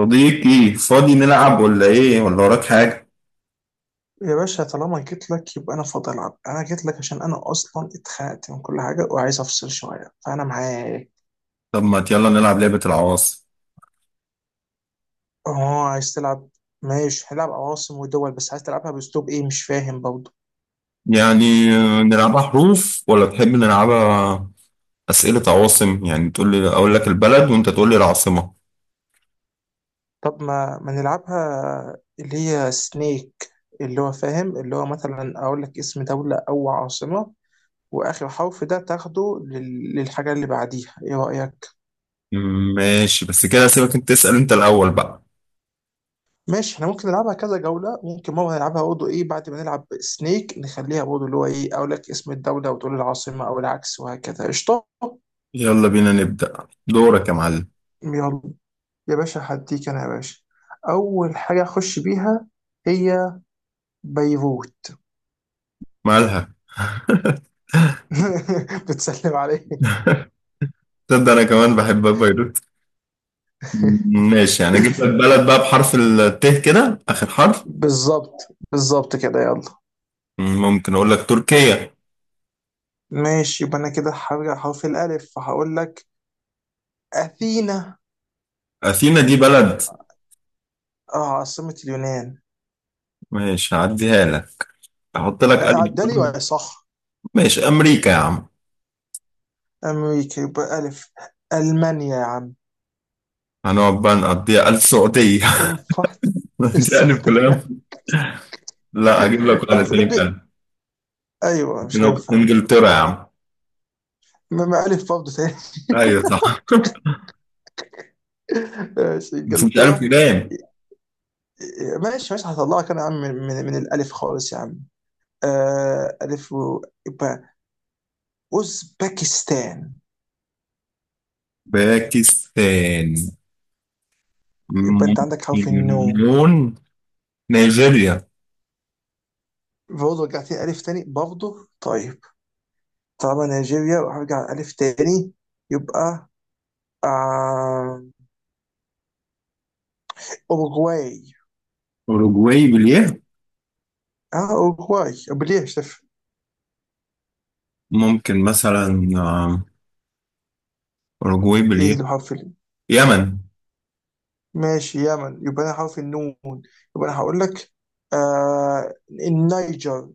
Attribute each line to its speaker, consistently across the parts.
Speaker 1: صديقي فاضي، نلعب ولا ايه؟ ولا وراك حاجة؟
Speaker 2: يا باشا، طالما جيت لك يبقى انا فاضي. العب، انا جيت لك عشان انا اصلا اتخنقت من كل حاجه وعايز افصل شويه، فانا معاك.
Speaker 1: طب ما يلا نلعب لعبة العواصم.
Speaker 2: اه، عايز تلعب؟ ماشي هنلعب عواصم ودول، بس عايز تلعبها باسلوب ايه؟ مش فاهم برضه.
Speaker 1: يعني نلعبها حروف ولا تحب نلعبها أسئلة عواصم؟ يعني تقول لي أقول لك البلد وأنت تقول لي العاصمة.
Speaker 2: طب ما نلعبها اللي هي سنيك، اللي هو فاهم، اللي هو مثلا اقول لك اسم دوله او عاصمه، واخر حرف ده تاخده للحاجه اللي بعديها. ايه رايك؟
Speaker 1: ماشي، بس كده سيبك أنت تسأل أنت الأول بقى.
Speaker 2: ماشي، احنا ممكن نلعبها كذا جولة. ممكن مرة نلعبها برضه ايه، بعد ما نلعب سنيك نخليها برضه اللي هو ايه، اقول لك اسم الدولة وتقول العاصمة او العكس، وهكذا. قشطة،
Speaker 1: يلا بينا نبدأ، دورك يا معلم.
Speaker 2: يلا يا باشا، هديك انا يا باشا. اول حاجة اخش بيها هي بيروت.
Speaker 1: مالها؟
Speaker 2: بتسلم عليك.
Speaker 1: تبدأ أنا كمان بحب بيروت. ماشي، يعني أجيب لك بلد بقى بحرف الت كده آخر حرف.
Speaker 2: بالظبط بالظبط كده، يلا.
Speaker 1: ممكن أقول لك تركيا.
Speaker 2: ماشي، يبقى انا كده هرجع حرف الالف، فهقول لك اثينا.
Speaker 1: أثينا دي بلد؟
Speaker 2: آه، عاصمة اليونان.
Speaker 1: ماشي هعديها لك. احط لك 1000
Speaker 2: عدالي
Speaker 1: دولار
Speaker 2: ولا صح؟
Speaker 1: ماشي امريكا يا عم.
Speaker 2: أمريكا يبقى ألف. ألمانيا يا عم.
Speaker 1: هنقعد بقى نقضيها 1000 سعودية.
Speaker 2: انفحت.
Speaker 1: يعني فلان.
Speaker 2: السعودية.
Speaker 1: لا اجيب لك واحد
Speaker 2: ألف،
Speaker 1: تاني
Speaker 2: هولندا.
Speaker 1: ب 1000.
Speaker 2: أيوة، مش
Speaker 1: ممكن
Speaker 2: هينفع.
Speaker 1: انجلترا يا عم.
Speaker 2: ما ألف برضه تاني.
Speaker 1: ايوه صح.
Speaker 2: ماشي،
Speaker 1: بس مش 1000
Speaker 2: إنجلترا.
Speaker 1: جنيه
Speaker 2: ماشي ماشي، هطلعك أنا يا عم من الألف خالص يا عم. آه، ألف يبقى أوزبكستان.
Speaker 1: باكستان
Speaker 2: يبقى أنت
Speaker 1: ممكن.
Speaker 2: عندك حرف النو.
Speaker 1: مليون. نيجيريا.
Speaker 2: برضه رجعت لي ألف تاني برضه. طيب، طالما نيجيريا وهرجع ألف تاني، يبقى آه... أوروغواي.
Speaker 1: اوروجواي باليه.
Speaker 2: اه، اوروغواي بليه، شف.
Speaker 1: ممكن مثلا اوروجواي
Speaker 2: ايه
Speaker 1: باليه.
Speaker 2: اللي بحرف ال؟
Speaker 1: يمن.
Speaker 2: ماشي، يمن، يبقى انا حرف النون. يبقى انا هقول لك آه، النيجر.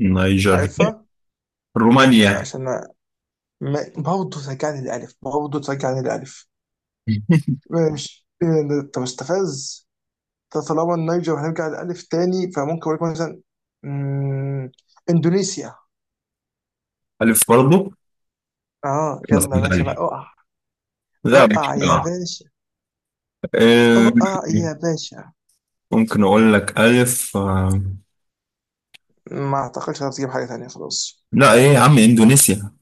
Speaker 1: نيجر.
Speaker 2: عارفها؟
Speaker 1: رومانيا.
Speaker 2: عشان ما برضه ترجعني للالف، برضه ترجعني للالف. ماشي إيه، طب استفز. طب طالما النيجر هنرجع للالف تاني، فممكن اقول لك مثلا مم، اندونيسيا.
Speaker 1: ألف برضه.
Speaker 2: اه،
Speaker 1: بس
Speaker 2: يلا يا باشا بقى،
Speaker 1: بالألف.
Speaker 2: اقع.
Speaker 1: لا مش
Speaker 2: اقع يا
Speaker 1: بلعب.
Speaker 2: باشا،
Speaker 1: آه،
Speaker 2: اقع يا باشا.
Speaker 1: ممكن اقول لك الف.
Speaker 2: ما اعتقدش هتجيب حاجه تانيه، خلاص.
Speaker 1: لا ايه يا عم، اندونيسيا.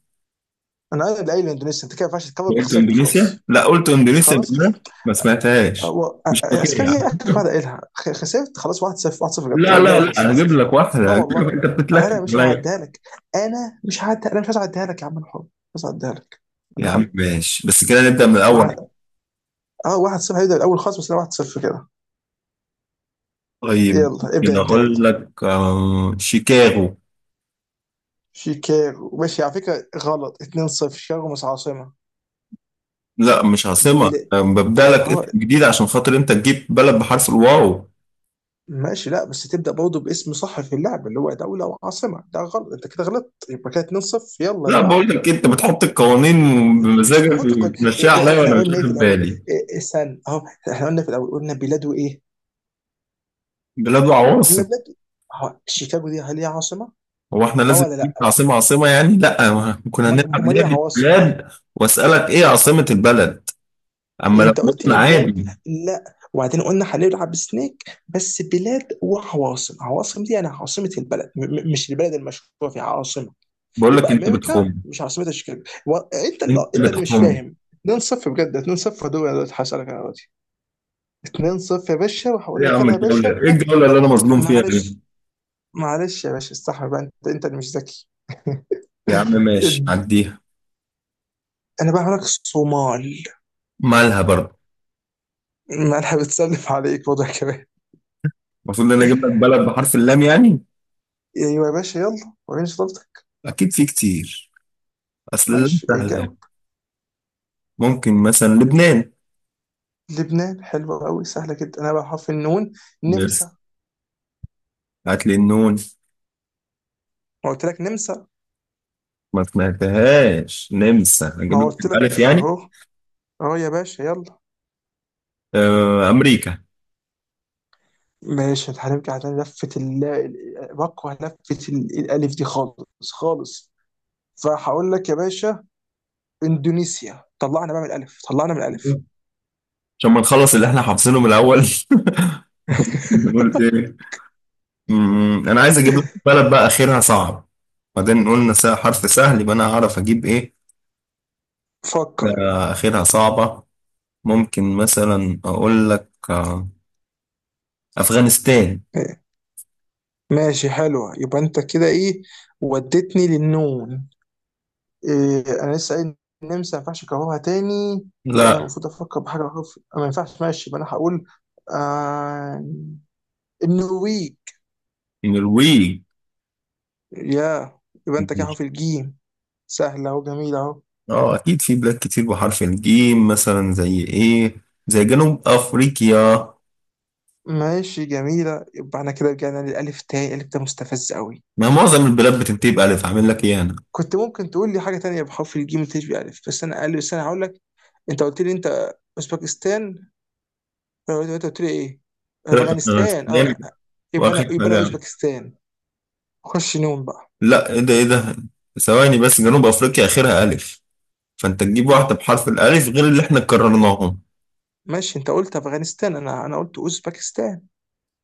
Speaker 2: انا قايل الاندونيسي، انت كده ما ينفعش تكفر،
Speaker 1: قلت
Speaker 2: خسرت
Speaker 1: اندونيسيا،
Speaker 2: خلاص.
Speaker 1: لا قلت اندونيسيا،
Speaker 2: خلاص،
Speaker 1: بالله
Speaker 2: خسرت.
Speaker 1: ما سمعتهاش.
Speaker 2: هو
Speaker 1: مش فاكر
Speaker 2: اسكان
Speaker 1: يعني.
Speaker 2: هي اخر واحده قايلها، خسرت خلاص. 1-0، 1-0 بجد،
Speaker 1: لا لا
Speaker 2: الجوله خلصت
Speaker 1: لا، هجيب
Speaker 2: 1-0.
Speaker 1: لك
Speaker 2: لا
Speaker 1: واحده،
Speaker 2: والله،
Speaker 1: انت
Speaker 2: انا
Speaker 1: بتتلكم
Speaker 2: مش
Speaker 1: عليا.
Speaker 2: هعديها لك. انا مش هعديها، انا مش عايز اعديها لك يا عم، انا حر. مش عايز اعديها لك. انا
Speaker 1: يا
Speaker 2: حر.
Speaker 1: عم ماشي بس كده نبدا من الاول.
Speaker 2: واحد- اه 1-0، هيبدا الاول خالص، بس انا 1-0 كده.
Speaker 1: طيب.
Speaker 2: يلا ابدا
Speaker 1: كده
Speaker 2: انت،
Speaker 1: اقول
Speaker 2: يلا.
Speaker 1: لك شيكاغو.
Speaker 2: شيكاغو؟ ماشي، على فكره غلط، 2-0. شيكاغو مش عاصمه.
Speaker 1: لا مش
Speaker 2: دي
Speaker 1: عاصمه.
Speaker 2: ولا؟
Speaker 1: ببدا لك
Speaker 2: اه،
Speaker 1: اسم جديد عشان خاطر انت تجيب بلد بحرف الواو.
Speaker 2: ماشي. لا بس تبدا برضه باسم صح في اللعبه، اللي هو دوله وعاصمه، ده غلط، انت كده غلطت، يبقى كده 2-0. يلا
Speaker 1: لا
Speaker 2: اللي
Speaker 1: بقول
Speaker 2: بعده.
Speaker 1: لك، انت بتحط القوانين
Speaker 2: مش
Speaker 1: بمزاجك
Speaker 2: بحط
Speaker 1: وتمشيها
Speaker 2: إيه،
Speaker 1: عليا
Speaker 2: احنا
Speaker 1: وانا مش
Speaker 2: قلنا ايه في
Speaker 1: واخد
Speaker 2: الاول؟
Speaker 1: بالي.
Speaker 2: إيه سن اهو، احنا قلنا في الاول، قلنا بلاده ايه.
Speaker 1: بلاد
Speaker 2: قلنا
Speaker 1: وعواصم.
Speaker 2: بلاده أهو، شيكاغو دي هل هي عاصمه؟
Speaker 1: هو احنا
Speaker 2: اه
Speaker 1: لازم
Speaker 2: ولا
Speaker 1: نجيب
Speaker 2: لا؟
Speaker 1: عاصمة عاصمة يعني؟ لا، ما كنا
Speaker 2: امال
Speaker 1: هنلعب
Speaker 2: امال ايه
Speaker 1: لعبة
Speaker 2: عواصم دي؟
Speaker 1: بلاد. واسألك ايه عاصمة البلد؟ اما
Speaker 2: إيه،
Speaker 1: لو
Speaker 2: انت قلت
Speaker 1: مدن
Speaker 2: لي بلاد.
Speaker 1: عادي.
Speaker 2: لا. وبعدين قلنا هنلعب سنيك، بس بلاد وعواصم. عواصم دي يعني عاصمه البلد، مش البلد المشهوره فيها عاصمه.
Speaker 1: بقول لك
Speaker 2: يبقى
Speaker 1: انت
Speaker 2: امريكا
Speaker 1: بتخم.
Speaker 2: مش عاصمتها شيكاغو انت
Speaker 1: انت
Speaker 2: اللي، انت اللي مش
Speaker 1: بتخم.
Speaker 2: فاهم. 2-0 بجد، 2-0 دول. انا دلوقتي هسألك انا دلوقتي، 2-0 يا باشا، وهقول
Speaker 1: ايه يا
Speaker 2: لك
Speaker 1: عم
Speaker 2: انا يا
Speaker 1: الجولة؟
Speaker 2: باشا.
Speaker 1: ايه الجولة اللي انا مظلوم فيها دي؟
Speaker 2: معلش، معلش يا باشا، استحمل بقى، انت انت اللي مش ذكي.
Speaker 1: يا عم ماشي
Speaker 2: اد-
Speaker 1: عديها.
Speaker 2: انا بقى هقول لك صومال.
Speaker 1: مالها برضه؟
Speaker 2: ما انا بتسلف عليك وضع كمان.
Speaker 1: المفروض ان انا اجيب لك بلد بحرف اللام يعني؟
Speaker 2: ايوه يا باشا، يلا وريني شطارتك.
Speaker 1: اكيد في كتير. اصل اللام
Speaker 2: ماشي،
Speaker 1: سهلة يعني.
Speaker 2: جاوب.
Speaker 1: ممكن مثلا لبنان.
Speaker 2: لبنان حلوه قوي، سهله جدا. انا بقى حرف النون،
Speaker 1: بس
Speaker 2: نمسا.
Speaker 1: هات لي النون.
Speaker 2: ما قلت لك نمسا.
Speaker 1: ما سمعتهاش نمسا، اجيب
Speaker 2: ما
Speaker 1: لك
Speaker 2: قلت لك
Speaker 1: الالف يعني.
Speaker 2: اهو. اهو يا باشا، يلا.
Speaker 1: آه امريكا.
Speaker 2: ماشي، هنرجع على لفة بكره لفة الألف دي خالص خالص. فهقول لك يا باشا إندونيسيا. طلعنا بقى من الألف، طلعنا من الألف.
Speaker 1: عشان ما نخلص اللي احنا حافظينه من الاول. بنقول ايه؟ انا عايز اجيب لك بلد بقى اخرها صعب. بعدين قلنا حرف سهل يبقى انا هعرف اجيب ايه.
Speaker 2: فكر.
Speaker 1: اخرها صعبة. ممكن مثلا اقول لك افغانستان.
Speaker 2: إيه، ماشي حلوة، يبقى أنت كده إيه، وديتني للنون. إيه، أنا لسه قايل النمسا، ما ينفعش أكررها تاني. يبقى أنا
Speaker 1: لا
Speaker 2: المفروض أفكر بحاجة أخف. ما ينفعش، ماشي، يبقى أنا هقول آه، النرويج.
Speaker 1: النرويج.
Speaker 2: يا، يبقى أنت كده أهو في الجيم، سهلة وجميلة أهو.
Speaker 1: اه اكيد في بلاد كتير بحرف الجيم مثلا زي ايه؟ زي جنوب افريقيا.
Speaker 2: ماشي جميلة، يبقى احنا كده رجعنا للألف تاني، الألف ده مستفز قوي.
Speaker 1: ما معظم البلاد بتنتهي بالف، عامل لك ايه انا.
Speaker 2: كنت ممكن تقول لي حاجة تانية بحرف الجيم تشبه ألف، بس أنا قال، بس أنا هقول لك. أنت قلت لي أنت أوزبكستان. أنت قلت لي إيه؟
Speaker 1: ثلاثة
Speaker 2: أفغانستان. أه،
Speaker 1: افغانستان.
Speaker 2: يبقى أنا
Speaker 1: واخر
Speaker 2: يبقى أنا
Speaker 1: حاجة.
Speaker 2: أوزبكستان. خش نوم بقى.
Speaker 1: لا ايه ده، ايه ده؟ ثواني بس، جنوب افريقيا اخرها الف، فانت تجيب واحده بحرف الالف غير اللي احنا كررناهم.
Speaker 2: ماشي، أنت قلت أفغانستان، أنا قلت أوزبكستان.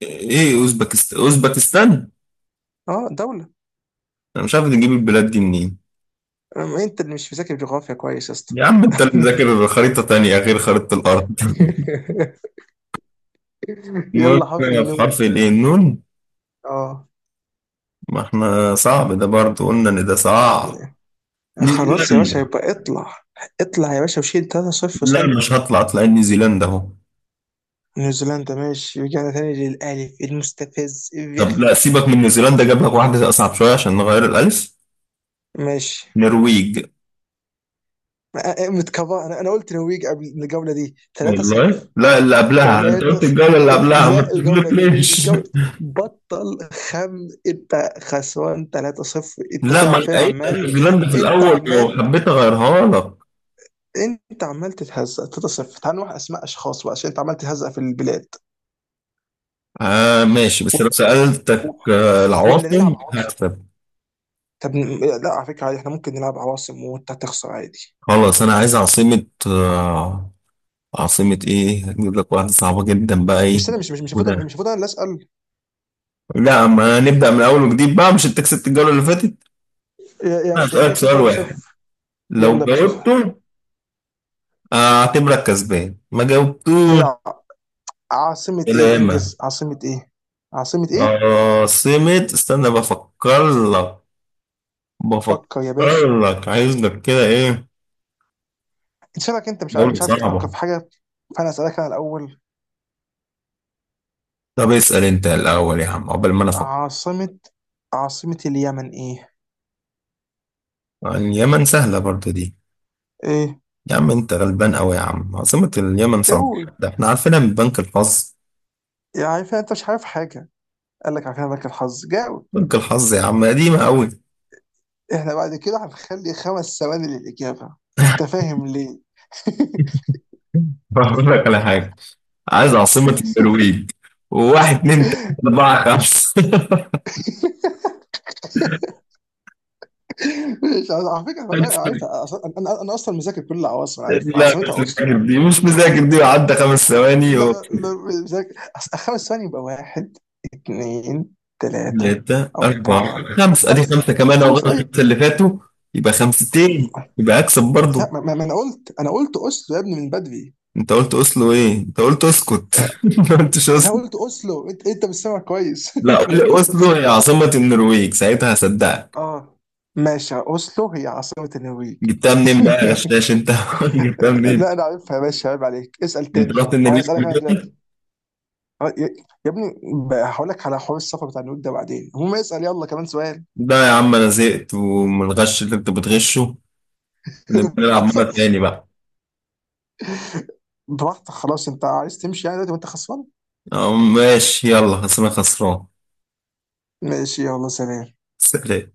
Speaker 1: ايه اوزبكستان.
Speaker 2: أه، دولة.
Speaker 1: انا مش عارف تجيب البلاد دي منين.
Speaker 2: أما أنت اللي مش مذاكر جغرافيا كويس يا اسطى.
Speaker 1: يا عم انت اللي مذاكر خريطه تانية غير خريطه الارض.
Speaker 2: يلا،
Speaker 1: المهم،
Speaker 2: حرف
Speaker 1: في
Speaker 2: النوم.
Speaker 1: حرف الايه النون.
Speaker 2: أه.
Speaker 1: ما احنا صعب ده برضه قلنا ان ده صعب.
Speaker 2: خلاص يا باشا،
Speaker 1: نيوزيلندا.
Speaker 2: يبقى اطلع. اطلع يا باشا، وشيل 3 صفر
Speaker 1: لا
Speaker 2: صايمة.
Speaker 1: مش هطلع، اطلع نيوزيلندا اهو.
Speaker 2: نيوزيلندا؟ ماشي، رجعنا تاني للألف المستفز
Speaker 1: طب
Speaker 2: الرخم.
Speaker 1: لا سيبك من نيوزيلندا، جاب لك واحده اصعب شويه عشان نغير الالف.
Speaker 2: ماشي.
Speaker 1: نرويج.
Speaker 2: آه، آه، متكفى، انا قلت نرويج قبل الجولة دي، 3
Speaker 1: والله
Speaker 2: 0
Speaker 1: لا، اللي قبلها انت
Speaker 2: 3،
Speaker 1: قلت، الجولة اللي قبلها ما
Speaker 2: لا، الجولة دي
Speaker 1: تقولكليش.
Speaker 2: الجولة، بطل خم، انت خسران 3-0، انت
Speaker 1: لا
Speaker 2: كده،
Speaker 1: ما انا
Speaker 2: عارفين
Speaker 1: قايل انا
Speaker 2: عمال.
Speaker 1: نيوزيلندا في
Speaker 2: انت
Speaker 1: الاول لو
Speaker 2: عمال،
Speaker 1: حبيت اغيرها لك.
Speaker 2: انت عمال تتهزق 3-0. تعال نروح اسماء اشخاص بقى، عشان انت عمال تتهزق في البلاد.
Speaker 1: آه ماشي، بس لو سألتك
Speaker 2: ولا، ولا نلعب
Speaker 1: العواصم
Speaker 2: عواصم؟
Speaker 1: هكسب.
Speaker 2: طب لا، على فكرة عادي، احنا ممكن نلعب عواصم وانت هتخسر عادي.
Speaker 1: خلاص انا عايز عاصمة عاصمة ايه؟ هجيب لك واحدة صعبة جدا بقى
Speaker 2: مش،
Speaker 1: ايه.
Speaker 2: استنى، مش المفروض، مش
Speaker 1: وده.
Speaker 2: المفروض انا اللي اسال؟
Speaker 1: لا، ما نبدأ من اول وجديد بقى، مش انت كسبت الجولة اللي فاتت.
Speaker 2: يا
Speaker 1: انا
Speaker 2: عشان يعني
Speaker 1: هسألك
Speaker 2: كده كسبت
Speaker 1: سؤال واحد،
Speaker 2: 3-0.
Speaker 1: لو
Speaker 2: يلا يا باشا، اسال.
Speaker 1: جاوبته اعتبرك كسبان، ما جاوبتوش.
Speaker 2: لا. عاصمة ايه؟
Speaker 1: سلامة.
Speaker 2: انجز، عاصمة ايه؟ عاصمة ايه؟
Speaker 1: سمت استنى بفكر لك،
Speaker 2: فكر يا باشا.
Speaker 1: بفكر لك عايز لك كده ايه.
Speaker 2: انت شبك، انت مش عارف،
Speaker 1: دولة
Speaker 2: مش عارف تفكر
Speaker 1: صعبة.
Speaker 2: في حاجة. فانا اسألك انا الاول.
Speaker 1: طب اسأل انت الأول يا عم عقبال ما انا افكر.
Speaker 2: عاصمة، عاصمة اليمن ايه؟
Speaker 1: اليمن سهلة برضو دي.
Speaker 2: ايه؟
Speaker 1: يا عم انت غلبان قوي يا عم، عاصمة اليمن صنعاء.
Speaker 2: اوه.
Speaker 1: ده احنا عارفينها من بنك الحظ.
Speaker 2: يا عارف، انت مش عارف حاجة. قال لك عارفين لك الحظ، جاوب.
Speaker 1: بنك الحظ يا عم قديمة قوي.
Speaker 2: احنا بعد كده هنخلي 5 ثواني للإجابة، انت فاهم ليه؟
Speaker 1: بقول لك على حاجة. عايز عاصمة النرويج. واحد، اتنين، تلاتة، أربعة، خمسة.
Speaker 2: مش عايز- على فكره أنا عارفها أصلاً- انا انا أنا اصلا مذاكر كل العواصم، أنا عارف
Speaker 1: لا
Speaker 2: عاصمتها
Speaker 1: مش
Speaker 2: اوسلو،
Speaker 1: مذاكر دي،
Speaker 2: عادي.
Speaker 1: مش مذاكر دي، وعدى خمس ثواني
Speaker 2: لا
Speaker 1: و...
Speaker 2: لا لا مذاكر، 5 ثواني يبقى واحد، اثنين، ثلاثه،
Speaker 1: ثلاثة،
Speaker 2: اربعه،
Speaker 1: أربعة، خمسة. أدي
Speaker 2: خمسه.
Speaker 1: خمسة كمان لو غلط
Speaker 2: خمسه اي.
Speaker 1: الخمسة اللي فاتوا. يبقى خمستين، يبقى أكسب برضو.
Speaker 2: لا، ما انا قلت اوسلو يا ابني من بدري.
Speaker 1: أنت قلت أوسلو إيه؟ أنت قلت أسكت.
Speaker 2: أه،
Speaker 1: ما قلتش
Speaker 2: انا
Speaker 1: أوسلو.
Speaker 2: قلت اوسلو، انت مش سامع كويس.
Speaker 1: لا قول لي أوسلو هي عاصمة النرويج ساعتها هصدقك.
Speaker 2: اه، ماشي، اوسلو هي عاصمه النرويج.
Speaker 1: جبتها منين بقى يا غشاش أنت؟ جبتها منين؟
Speaker 2: لا انا عارفها يا باشا، عيب عليك، اسال
Speaker 1: أنت
Speaker 2: تاني.
Speaker 1: رحت
Speaker 2: او انا
Speaker 1: النرويج
Speaker 2: اسالك انا
Speaker 1: قبل
Speaker 2: دلوقتي،
Speaker 1: كده؟
Speaker 2: آه، يا ابني، بقى هقول لك على حوار السفر بتاع النود ده بعدين، هو ما يسأل يلا كمان سؤال.
Speaker 1: لا يا عم أنا زهقت، ومن الغش اللي أنت بتغشه نبقى
Speaker 2: ما
Speaker 1: نلعب مرة
Speaker 2: حصلش.
Speaker 1: تاني بقى.
Speaker 2: براحتك، خلاص، انت عايز تمشي يعني دلوقتي وانت خسران.
Speaker 1: أه، ماشي يلا، أصل أنا خسران.
Speaker 2: ماشي يلا، سلام.
Speaker 1: سلام.